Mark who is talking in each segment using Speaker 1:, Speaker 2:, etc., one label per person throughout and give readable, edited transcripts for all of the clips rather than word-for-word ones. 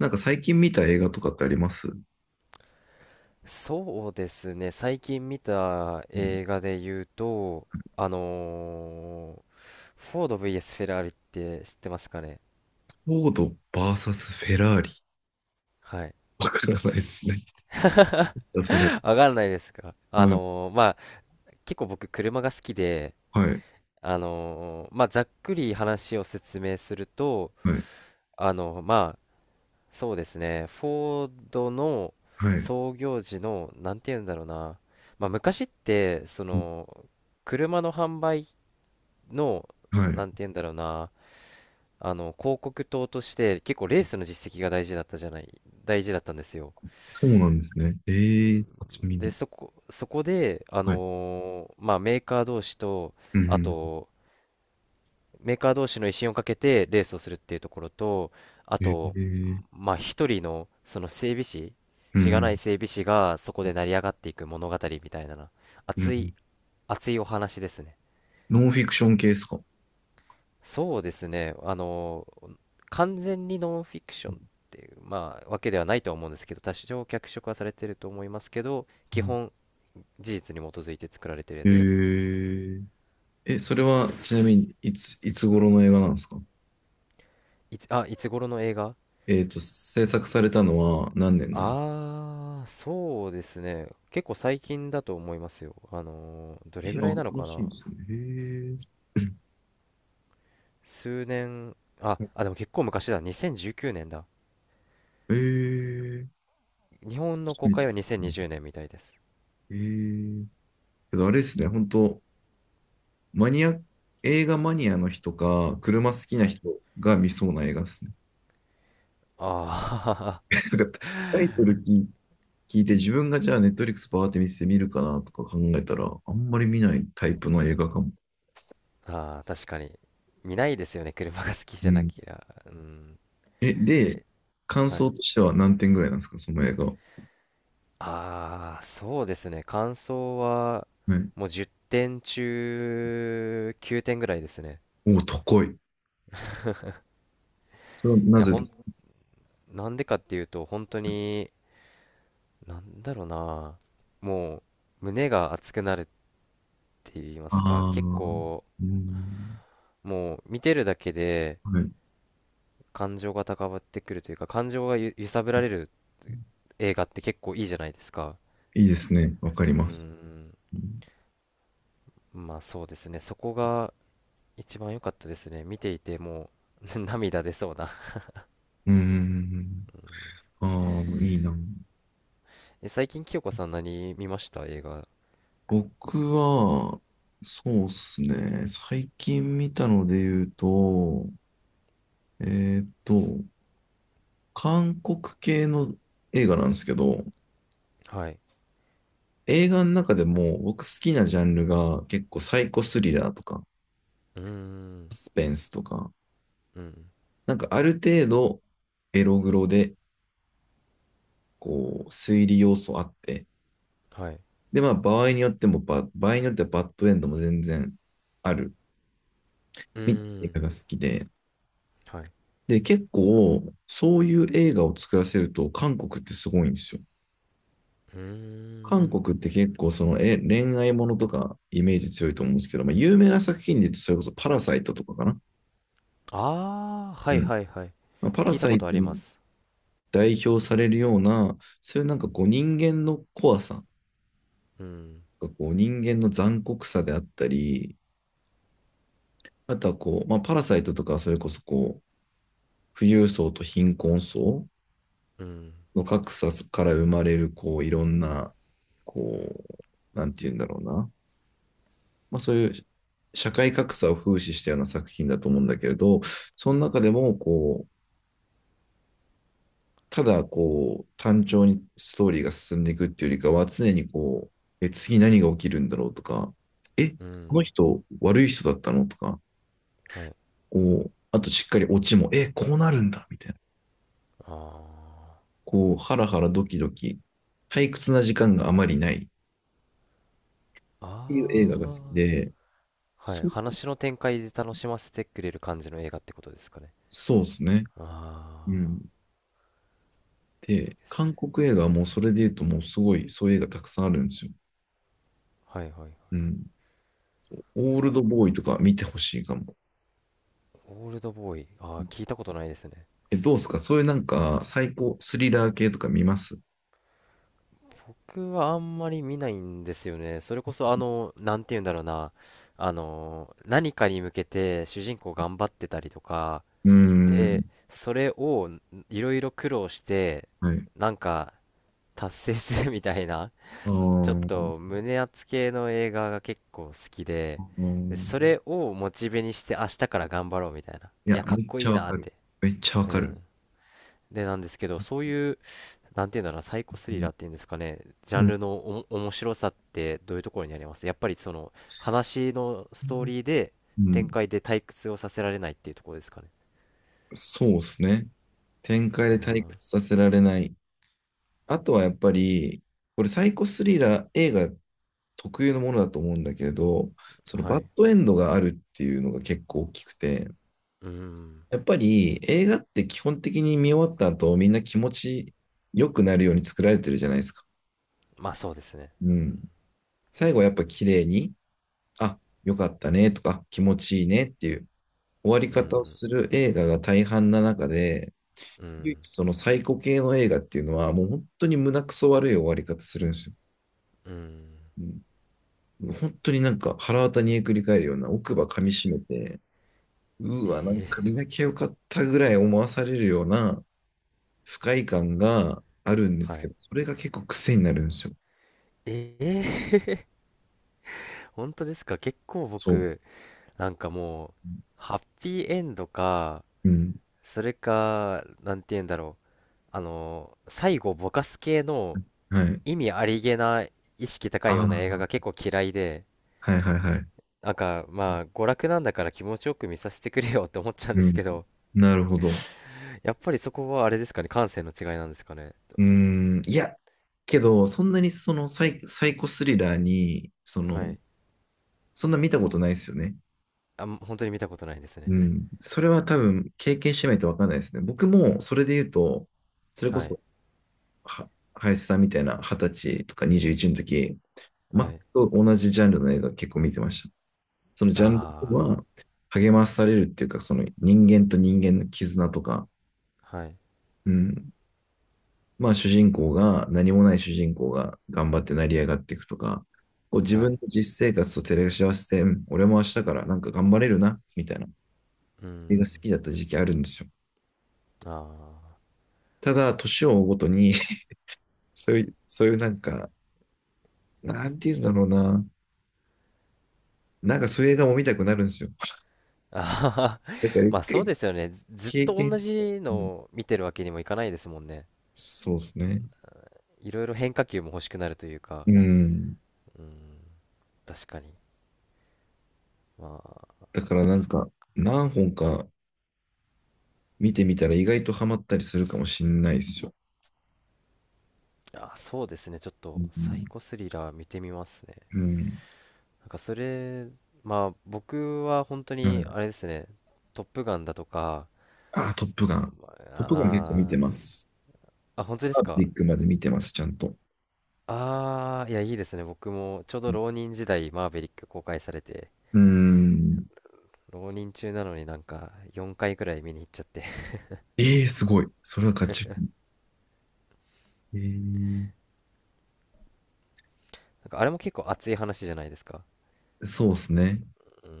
Speaker 1: なんか最近見た映画とかってありますう
Speaker 2: そうですね。最近見た映
Speaker 1: ん。
Speaker 2: 画で言うと、あのーフォード VS フェラーリって知ってますかね？
Speaker 1: フォード VS フェラーリ。
Speaker 2: はい。
Speaker 1: わからないですね。それ。
Speaker 2: わかんないですか？
Speaker 1: はい。
Speaker 2: まあ、結構僕車が好きで、
Speaker 1: はい。
Speaker 2: まあ、ざっくり話を説明すると、
Speaker 1: はい。
Speaker 2: まあ、そうですね。フォードの
Speaker 1: はい。
Speaker 2: 創業時の、なんて言うんだろうな。まあ、昔って、そ
Speaker 1: うん。
Speaker 2: の、車の販売の、
Speaker 1: は
Speaker 2: な
Speaker 1: い。
Speaker 2: んて言うんだろうな。あの広告塔として結構レースの実績が大事だったんですよ。
Speaker 1: そうなんですね。
Speaker 2: う
Speaker 1: ええ
Speaker 2: ん。
Speaker 1: ー、初
Speaker 2: で
Speaker 1: 耳。
Speaker 2: そこで、
Speaker 1: はい。
Speaker 2: まあ、メーカー同士と
Speaker 1: う
Speaker 2: あ
Speaker 1: ん。
Speaker 2: とメーカー同士の威信をかけてレースをするっていうところとあ
Speaker 1: ええ
Speaker 2: と、
Speaker 1: ー。
Speaker 2: まあ、一人のその整備士、
Speaker 1: う
Speaker 2: しがない
Speaker 1: ん。
Speaker 2: 整備士がそこで成り上がっていく物語みたいな、
Speaker 1: う
Speaker 2: 熱い
Speaker 1: ん。
Speaker 2: 熱いお話ですね。
Speaker 1: ノンフィクション系ですか？
Speaker 2: そうですね。完全にノンフィクションっていう、まあ、わけではないとは思うんですけど、多少脚色はされてると思いますけど、
Speaker 1: う
Speaker 2: 基
Speaker 1: ん。
Speaker 2: 本、事実に基づいて作られてるやつです。
Speaker 1: え、ええ、それはちなみにいつ頃の映画なんですか？
Speaker 2: いつ頃の映画？
Speaker 1: 制作されたのは何年なんですか？
Speaker 2: ああー、そうですね。結構最近だと思いますよ。ど
Speaker 1: え、
Speaker 2: れぐらいなの
Speaker 1: 新
Speaker 2: か
Speaker 1: しい
Speaker 2: な？
Speaker 1: んですね。へ
Speaker 2: 数年、でも結構昔だ。2019年だ。
Speaker 1: え。 え、
Speaker 2: 日本の
Speaker 1: 初
Speaker 2: 公
Speaker 1: めて
Speaker 2: 開
Speaker 1: 聞
Speaker 2: は
Speaker 1: い
Speaker 2: 2020
Speaker 1: た。
Speaker 2: 年みたいです。
Speaker 1: へえ。けどあれですね、本当マニア、映画マニアの人か、車好きな
Speaker 2: はい。
Speaker 1: 人が見そうな映画ですね。
Speaker 2: ああ。
Speaker 1: なんかタイトル聞いて、自分がじゃあネットリックスパーって見せて見るかなとか考えたら、あんまり見ないタイプの映画かも。
Speaker 2: ああ、確かに。見ないですよね、車が好きじ
Speaker 1: う
Speaker 2: ゃな
Speaker 1: ん。
Speaker 2: きゃ。うん。
Speaker 1: え、で、感
Speaker 2: は
Speaker 1: 想
Speaker 2: い。
Speaker 1: としては何点ぐらいなんですか、その映画は？
Speaker 2: ああ、そうですね。感想は、
Speaker 1: はい。
Speaker 2: もう10点中9点ぐらいですね。
Speaker 1: おお、高い。それは
Speaker 2: い
Speaker 1: な
Speaker 2: や、
Speaker 1: ぜです
Speaker 2: なんでかっていうと、本当に、なんだろうな。もう、胸が熱くなるって言いま
Speaker 1: か
Speaker 2: すか、
Speaker 1: ああー、
Speaker 2: 結構、
Speaker 1: うん。
Speaker 2: もう、見てるだけで、
Speaker 1: はい。
Speaker 2: 感情が高ぶってくるというか、感情が揺さぶられる映画って結構いいじゃないですか。
Speaker 1: いいですね。わかり
Speaker 2: う
Speaker 1: ます。
Speaker 2: ん。
Speaker 1: うん。
Speaker 2: まあそうですね。そこが一番良かったですね。見ていてもう。 涙出そうな。
Speaker 1: ううん、うん、うん。ああ、いいな。
Speaker 2: え、最近清子さん何見ました映画？
Speaker 1: 僕は、そうっすね。最近見たので言うと、えーっと、韓国系の映画なんですけど、
Speaker 2: はい。
Speaker 1: 映画の中でも僕好きなジャンルが結構サイコスリラーとか、
Speaker 2: うーん。
Speaker 1: サスペンスとか、
Speaker 2: うん。
Speaker 1: なんかある程度エログロで、こう、推理要素あって、
Speaker 2: はい。
Speaker 1: で、まあ場合によってはバッドエンドも全然ある、
Speaker 2: うー
Speaker 1: みたいな映
Speaker 2: ん。
Speaker 1: 画が好きで、
Speaker 2: はい。
Speaker 1: で、結構、そういう映画を作らせると、韓国ってすごいんですよ。
Speaker 2: うー
Speaker 1: 韓
Speaker 2: ん。
Speaker 1: 国って結構、その、え、恋愛ものとか、イメージ強いと思うんですけど、まあ、有名な作品で言うと、それこそ、パラサイトとかかな。
Speaker 2: ああ、は
Speaker 1: う
Speaker 2: い
Speaker 1: ん。
Speaker 2: はいはい。
Speaker 1: まあ、パラ
Speaker 2: 聞いた
Speaker 1: サ
Speaker 2: こ
Speaker 1: イ
Speaker 2: とあ
Speaker 1: ト
Speaker 2: りま
Speaker 1: に
Speaker 2: す。
Speaker 1: 代表されるような、そういうなんかこう、人間の怖さ、
Speaker 2: うん。
Speaker 1: こう人間の残酷さであったり、あとはこう、まあ、パラサイトとか、それこそこう、富裕層と貧困層
Speaker 2: うん。
Speaker 1: の格差から生まれる、こう、いろんな、こう、なんて言うんだろうな。まあ、そういう社会格差を風刺したような作品だと思うんだけれど、その中でもこう、ただこう、単調にストーリーが進んでいくっていうよりかは、常にこう、え、次何が起きるんだろうとか、え、
Speaker 2: う
Speaker 1: この
Speaker 2: ん。
Speaker 1: 人悪い人だったのとか、
Speaker 2: はい。
Speaker 1: こう、あとしっかりオチも、え、こうなるんだみたいな。
Speaker 2: あ
Speaker 1: こう、ハラハラドキドキ、退屈な時間があまりないっ
Speaker 2: あ。
Speaker 1: ていう映画が好
Speaker 2: あ
Speaker 1: き
Speaker 2: あ。
Speaker 1: で、
Speaker 2: はい。
Speaker 1: そ、
Speaker 2: 話の展開で楽しませてくれる感じの映画ってことですかね？
Speaker 1: そうですね。
Speaker 2: あ
Speaker 1: うん。
Speaker 2: あ。いい
Speaker 1: で、
Speaker 2: ですね。
Speaker 1: 韓国映画はもうそれで言うともうすごい、そういう映画たくさんあるんですよ。
Speaker 2: はいはい。
Speaker 1: うん。オールドボーイとか見てほしいかも。
Speaker 2: オールドボーイ。ああ、聞いたことないですね。
Speaker 1: え、どうですかそういうなんか最高スリラー系とか見ますう
Speaker 2: 僕はあんまり見ないんですよね。それこそ、なんて言うんだろうな。何かに向けて主人公頑張ってたりとか、
Speaker 1: ー
Speaker 2: で、
Speaker 1: ん。
Speaker 2: それをいろいろ苦労して、
Speaker 1: はい。
Speaker 2: なんか達成するみたいな、
Speaker 1: あ
Speaker 2: ちょっ
Speaker 1: ー、
Speaker 2: と胸熱系の映画が結構好きで、
Speaker 1: あ
Speaker 2: でそ
Speaker 1: ー、
Speaker 2: れをモチベにして明日から頑張ろうみたいな。
Speaker 1: い
Speaker 2: いや、
Speaker 1: や、
Speaker 2: かっ
Speaker 1: めっ
Speaker 2: こ
Speaker 1: ち
Speaker 2: い
Speaker 1: ゃ
Speaker 2: い
Speaker 1: わ
Speaker 2: なっ
Speaker 1: かる。
Speaker 2: て。
Speaker 1: めっちゃわ
Speaker 2: う
Speaker 1: かる。
Speaker 2: ん。で、なんですけど、そういう、なんていうんだろうな、サイ
Speaker 1: う
Speaker 2: コスリ
Speaker 1: ん。
Speaker 2: ラーっていうんですかね、ジャン
Speaker 1: う
Speaker 2: ルの面白さってどういうところにあります？やっぱりその話のストー
Speaker 1: ん。
Speaker 2: リーで
Speaker 1: う
Speaker 2: 展
Speaker 1: ん。
Speaker 2: 開で退屈をさせられないっていうところですかね？
Speaker 1: そうですね。展開
Speaker 2: あ
Speaker 1: で退
Speaker 2: ー。
Speaker 1: 屈させられない。あとはやっぱり、これサイコスリラー映画特有のものだと思うんだけれど、その
Speaker 2: は
Speaker 1: バッ
Speaker 2: い。
Speaker 1: ドエンドがあるっていうのが結構大きくて、
Speaker 2: うん。
Speaker 1: やっぱり映画って基本的に見終わった後、みんな気持ち良くなるように作られてるじゃないですか。
Speaker 2: まあそうですね。
Speaker 1: うん。最後はやっぱ綺麗に、あ、良かったねとか、気持ちいいねっていう終わり
Speaker 2: う
Speaker 1: 方を
Speaker 2: ん。
Speaker 1: する映画が大半な中で、
Speaker 2: うん。う
Speaker 1: 唯
Speaker 2: ん。
Speaker 1: 一そのサイコ系の映画っていうのは、もう本当に胸くそ悪い終わり方するんですよ。
Speaker 2: うん。
Speaker 1: うん、本当になんか腹渡にえくり返るような奥歯噛みしめて、うわ、なんか
Speaker 2: え
Speaker 1: 磨きゃよかったぐらい思わされるような不快感があるんで
Speaker 2: ー、
Speaker 1: す
Speaker 2: は
Speaker 1: け
Speaker 2: い。
Speaker 1: ど、それが結構癖になるんですよ。
Speaker 2: ええ。本当ですか？結構
Speaker 1: そう。
Speaker 2: 僕なんか、もうハッピーエンドか、
Speaker 1: うん。
Speaker 2: それかなんて言うんだろう、あの最後ぼかす系の
Speaker 1: はい。
Speaker 2: 意味ありげな意識高い
Speaker 1: あ
Speaker 2: ような映画
Speaker 1: あ。
Speaker 2: が結構嫌いで、
Speaker 1: はい、はい、はい。
Speaker 2: なんかまあ娯楽なんだから気持ちよく見させてくれよって思っちゃうんで
Speaker 1: う
Speaker 2: す
Speaker 1: ん。
Speaker 2: けど、
Speaker 1: なるほど。
Speaker 2: やっぱりそこはあれですかね、感性の違いなんですかね？
Speaker 1: うーん。いや、けど、そんなにそのサイコスリラーに、その、
Speaker 2: はい。
Speaker 1: そんな見たことないですよね。
Speaker 2: あ、もう本当に見たことないです
Speaker 1: う
Speaker 2: ね。
Speaker 1: ん。それは多分経験してないとわかんないですね。僕もそれで言うと、それこ
Speaker 2: はい。
Speaker 1: そ、は、林さんみたいな二十歳とか21の時、全
Speaker 2: はい。
Speaker 1: く同じジャンルの映画結構見てました。そのジャンル
Speaker 2: あ
Speaker 1: は励まされるっていうか、その人間と人間の絆とか、
Speaker 2: あ。はい。
Speaker 1: うん。まあ主人公が、何もない主人公が頑張って成り上がっていくとか、こう自
Speaker 2: は
Speaker 1: 分の
Speaker 2: い。
Speaker 1: 実生活と照らし合わせて、うん、俺も明日からなんか頑張れるな、みたいな
Speaker 2: う
Speaker 1: 映画
Speaker 2: ん。
Speaker 1: 好きだった時期あるんですよ。
Speaker 2: あ
Speaker 1: ただ、年を追うごとに そういうなんか、なんて言うんだろうな。なんかそういう映画も見たくなるんですよ。
Speaker 2: あ。あはは。
Speaker 1: だから 一
Speaker 2: まあそう
Speaker 1: 回
Speaker 2: ですよね。ずずっ
Speaker 1: 経
Speaker 2: と
Speaker 1: 験
Speaker 2: 同
Speaker 1: して、
Speaker 2: じ
Speaker 1: う
Speaker 2: の
Speaker 1: ん、
Speaker 2: を見てるわけにもいかないですもんね。
Speaker 1: そうですね。
Speaker 2: いろいろ変化球も欲しくなるというか。
Speaker 1: うん。
Speaker 2: うん。確かに。まあ。
Speaker 1: だからなんか、何本か見てみたら意外とハマったりするかもしんないですよ。
Speaker 2: あ、そうですね。ちょっ
Speaker 1: う
Speaker 2: とサイ
Speaker 1: ん、
Speaker 2: コスリラー見てみますね。
Speaker 1: うん。
Speaker 2: なんかそれ、まあ僕は本当
Speaker 1: は
Speaker 2: に
Speaker 1: い。
Speaker 2: あれですね。トップガンだとか、
Speaker 1: あー、トップガン。
Speaker 2: あ
Speaker 1: トップガン結構見て
Speaker 2: ー
Speaker 1: ます。
Speaker 2: あ、本当で
Speaker 1: パ
Speaker 2: す
Speaker 1: ートリ
Speaker 2: か？
Speaker 1: ックまで見てます、ちゃんと。
Speaker 2: ああ、いや、いいですね。僕もちょうど浪人時代、マーヴェリック公開されて、
Speaker 1: うん。
Speaker 2: 浪人中なのになんか4回くらい見に行っちゃって。
Speaker 1: ええー、すごい。それは勝ち。えー、
Speaker 2: なんかあれも結構熱い話じゃないですか。
Speaker 1: そうですね。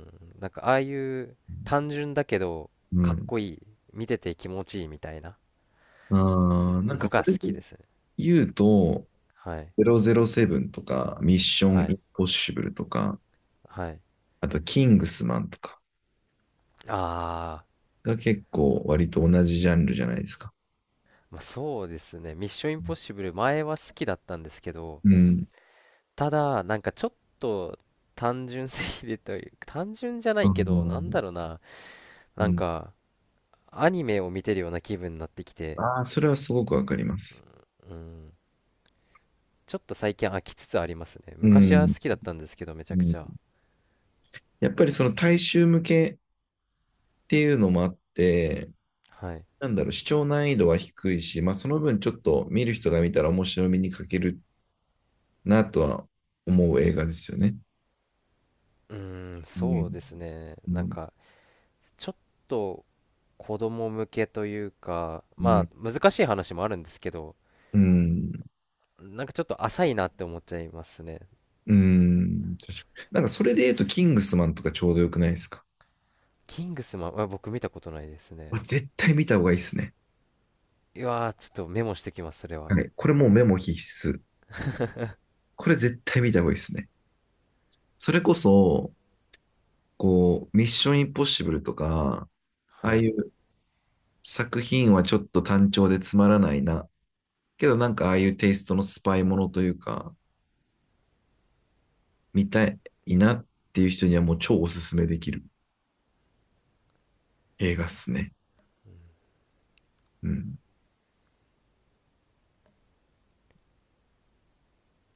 Speaker 2: うん。なんかああいう単純だけど
Speaker 1: う
Speaker 2: かっ
Speaker 1: ん。
Speaker 2: こいい、見てて気持ちいいみたいな
Speaker 1: ああ、なんか
Speaker 2: の
Speaker 1: そ
Speaker 2: が好
Speaker 1: れで
Speaker 2: きですね。
Speaker 1: 言うと、
Speaker 2: はい。
Speaker 1: 007とか、ミッション
Speaker 2: は
Speaker 1: イ
Speaker 2: い。
Speaker 1: ンポッシブルとか、
Speaker 2: はい。
Speaker 1: あと、キングスマンとか
Speaker 2: あー、
Speaker 1: が結構割と同じジャンルじゃないですか。
Speaker 2: まあ、そうですね。ミッションインポ
Speaker 1: う
Speaker 2: ッシブル前は好きだったんですけど、
Speaker 1: ん。
Speaker 2: ただ、なんかちょっと単純すぎるという、単純じゃな
Speaker 1: あ
Speaker 2: いけど、
Speaker 1: の、
Speaker 2: なんだろうな。
Speaker 1: う
Speaker 2: なん
Speaker 1: ん。
Speaker 2: か、アニメを見てるような気分になってきて、
Speaker 1: ああ、それはすごくわかります。
Speaker 2: うん、ちょっと最近飽きつつありますね。
Speaker 1: う
Speaker 2: 昔は
Speaker 1: ん。
Speaker 2: 好きだったんですけど、めちゃ
Speaker 1: う
Speaker 2: く
Speaker 1: ん。
Speaker 2: ちゃ。
Speaker 1: やっぱりその大衆向けっていうのもあって、
Speaker 2: はい。
Speaker 1: なんだろう、視聴難易度は低いし、まあその分ちょっと見る人が見たら面白みに欠けるなとは思う映画ですよね。
Speaker 2: うーん、
Speaker 1: う
Speaker 2: そ
Speaker 1: ん。
Speaker 2: うですね。
Speaker 1: う
Speaker 2: なん
Speaker 1: ん。
Speaker 2: か、ちょっと子供向けというか、
Speaker 1: う
Speaker 2: ま
Speaker 1: ん。
Speaker 2: あ、難しい話もあるんですけど、
Speaker 1: うん。
Speaker 2: なんかちょっと浅いなって思っちゃいますね。
Speaker 1: うん、確かになんかそれで言うと、キングスマンとかちょうどよくないですか？
Speaker 2: キングスマンは僕見たことないです
Speaker 1: あ、
Speaker 2: ね。
Speaker 1: 絶対見た方がいいですね。
Speaker 2: うわー、ちょっとメモしてきます、それは。
Speaker 1: はい。これもうメモ必須。これ絶対見た方がいいですね。それこそ、こう、ミッションインポッシブルとか、あ
Speaker 2: は
Speaker 1: あい
Speaker 2: い。
Speaker 1: う作品はちょっと単調でつまらないな。けどなんかああいうテイストのスパイものというか、見たいなっていう人にはもう超おすすめできる映画っすね。うん。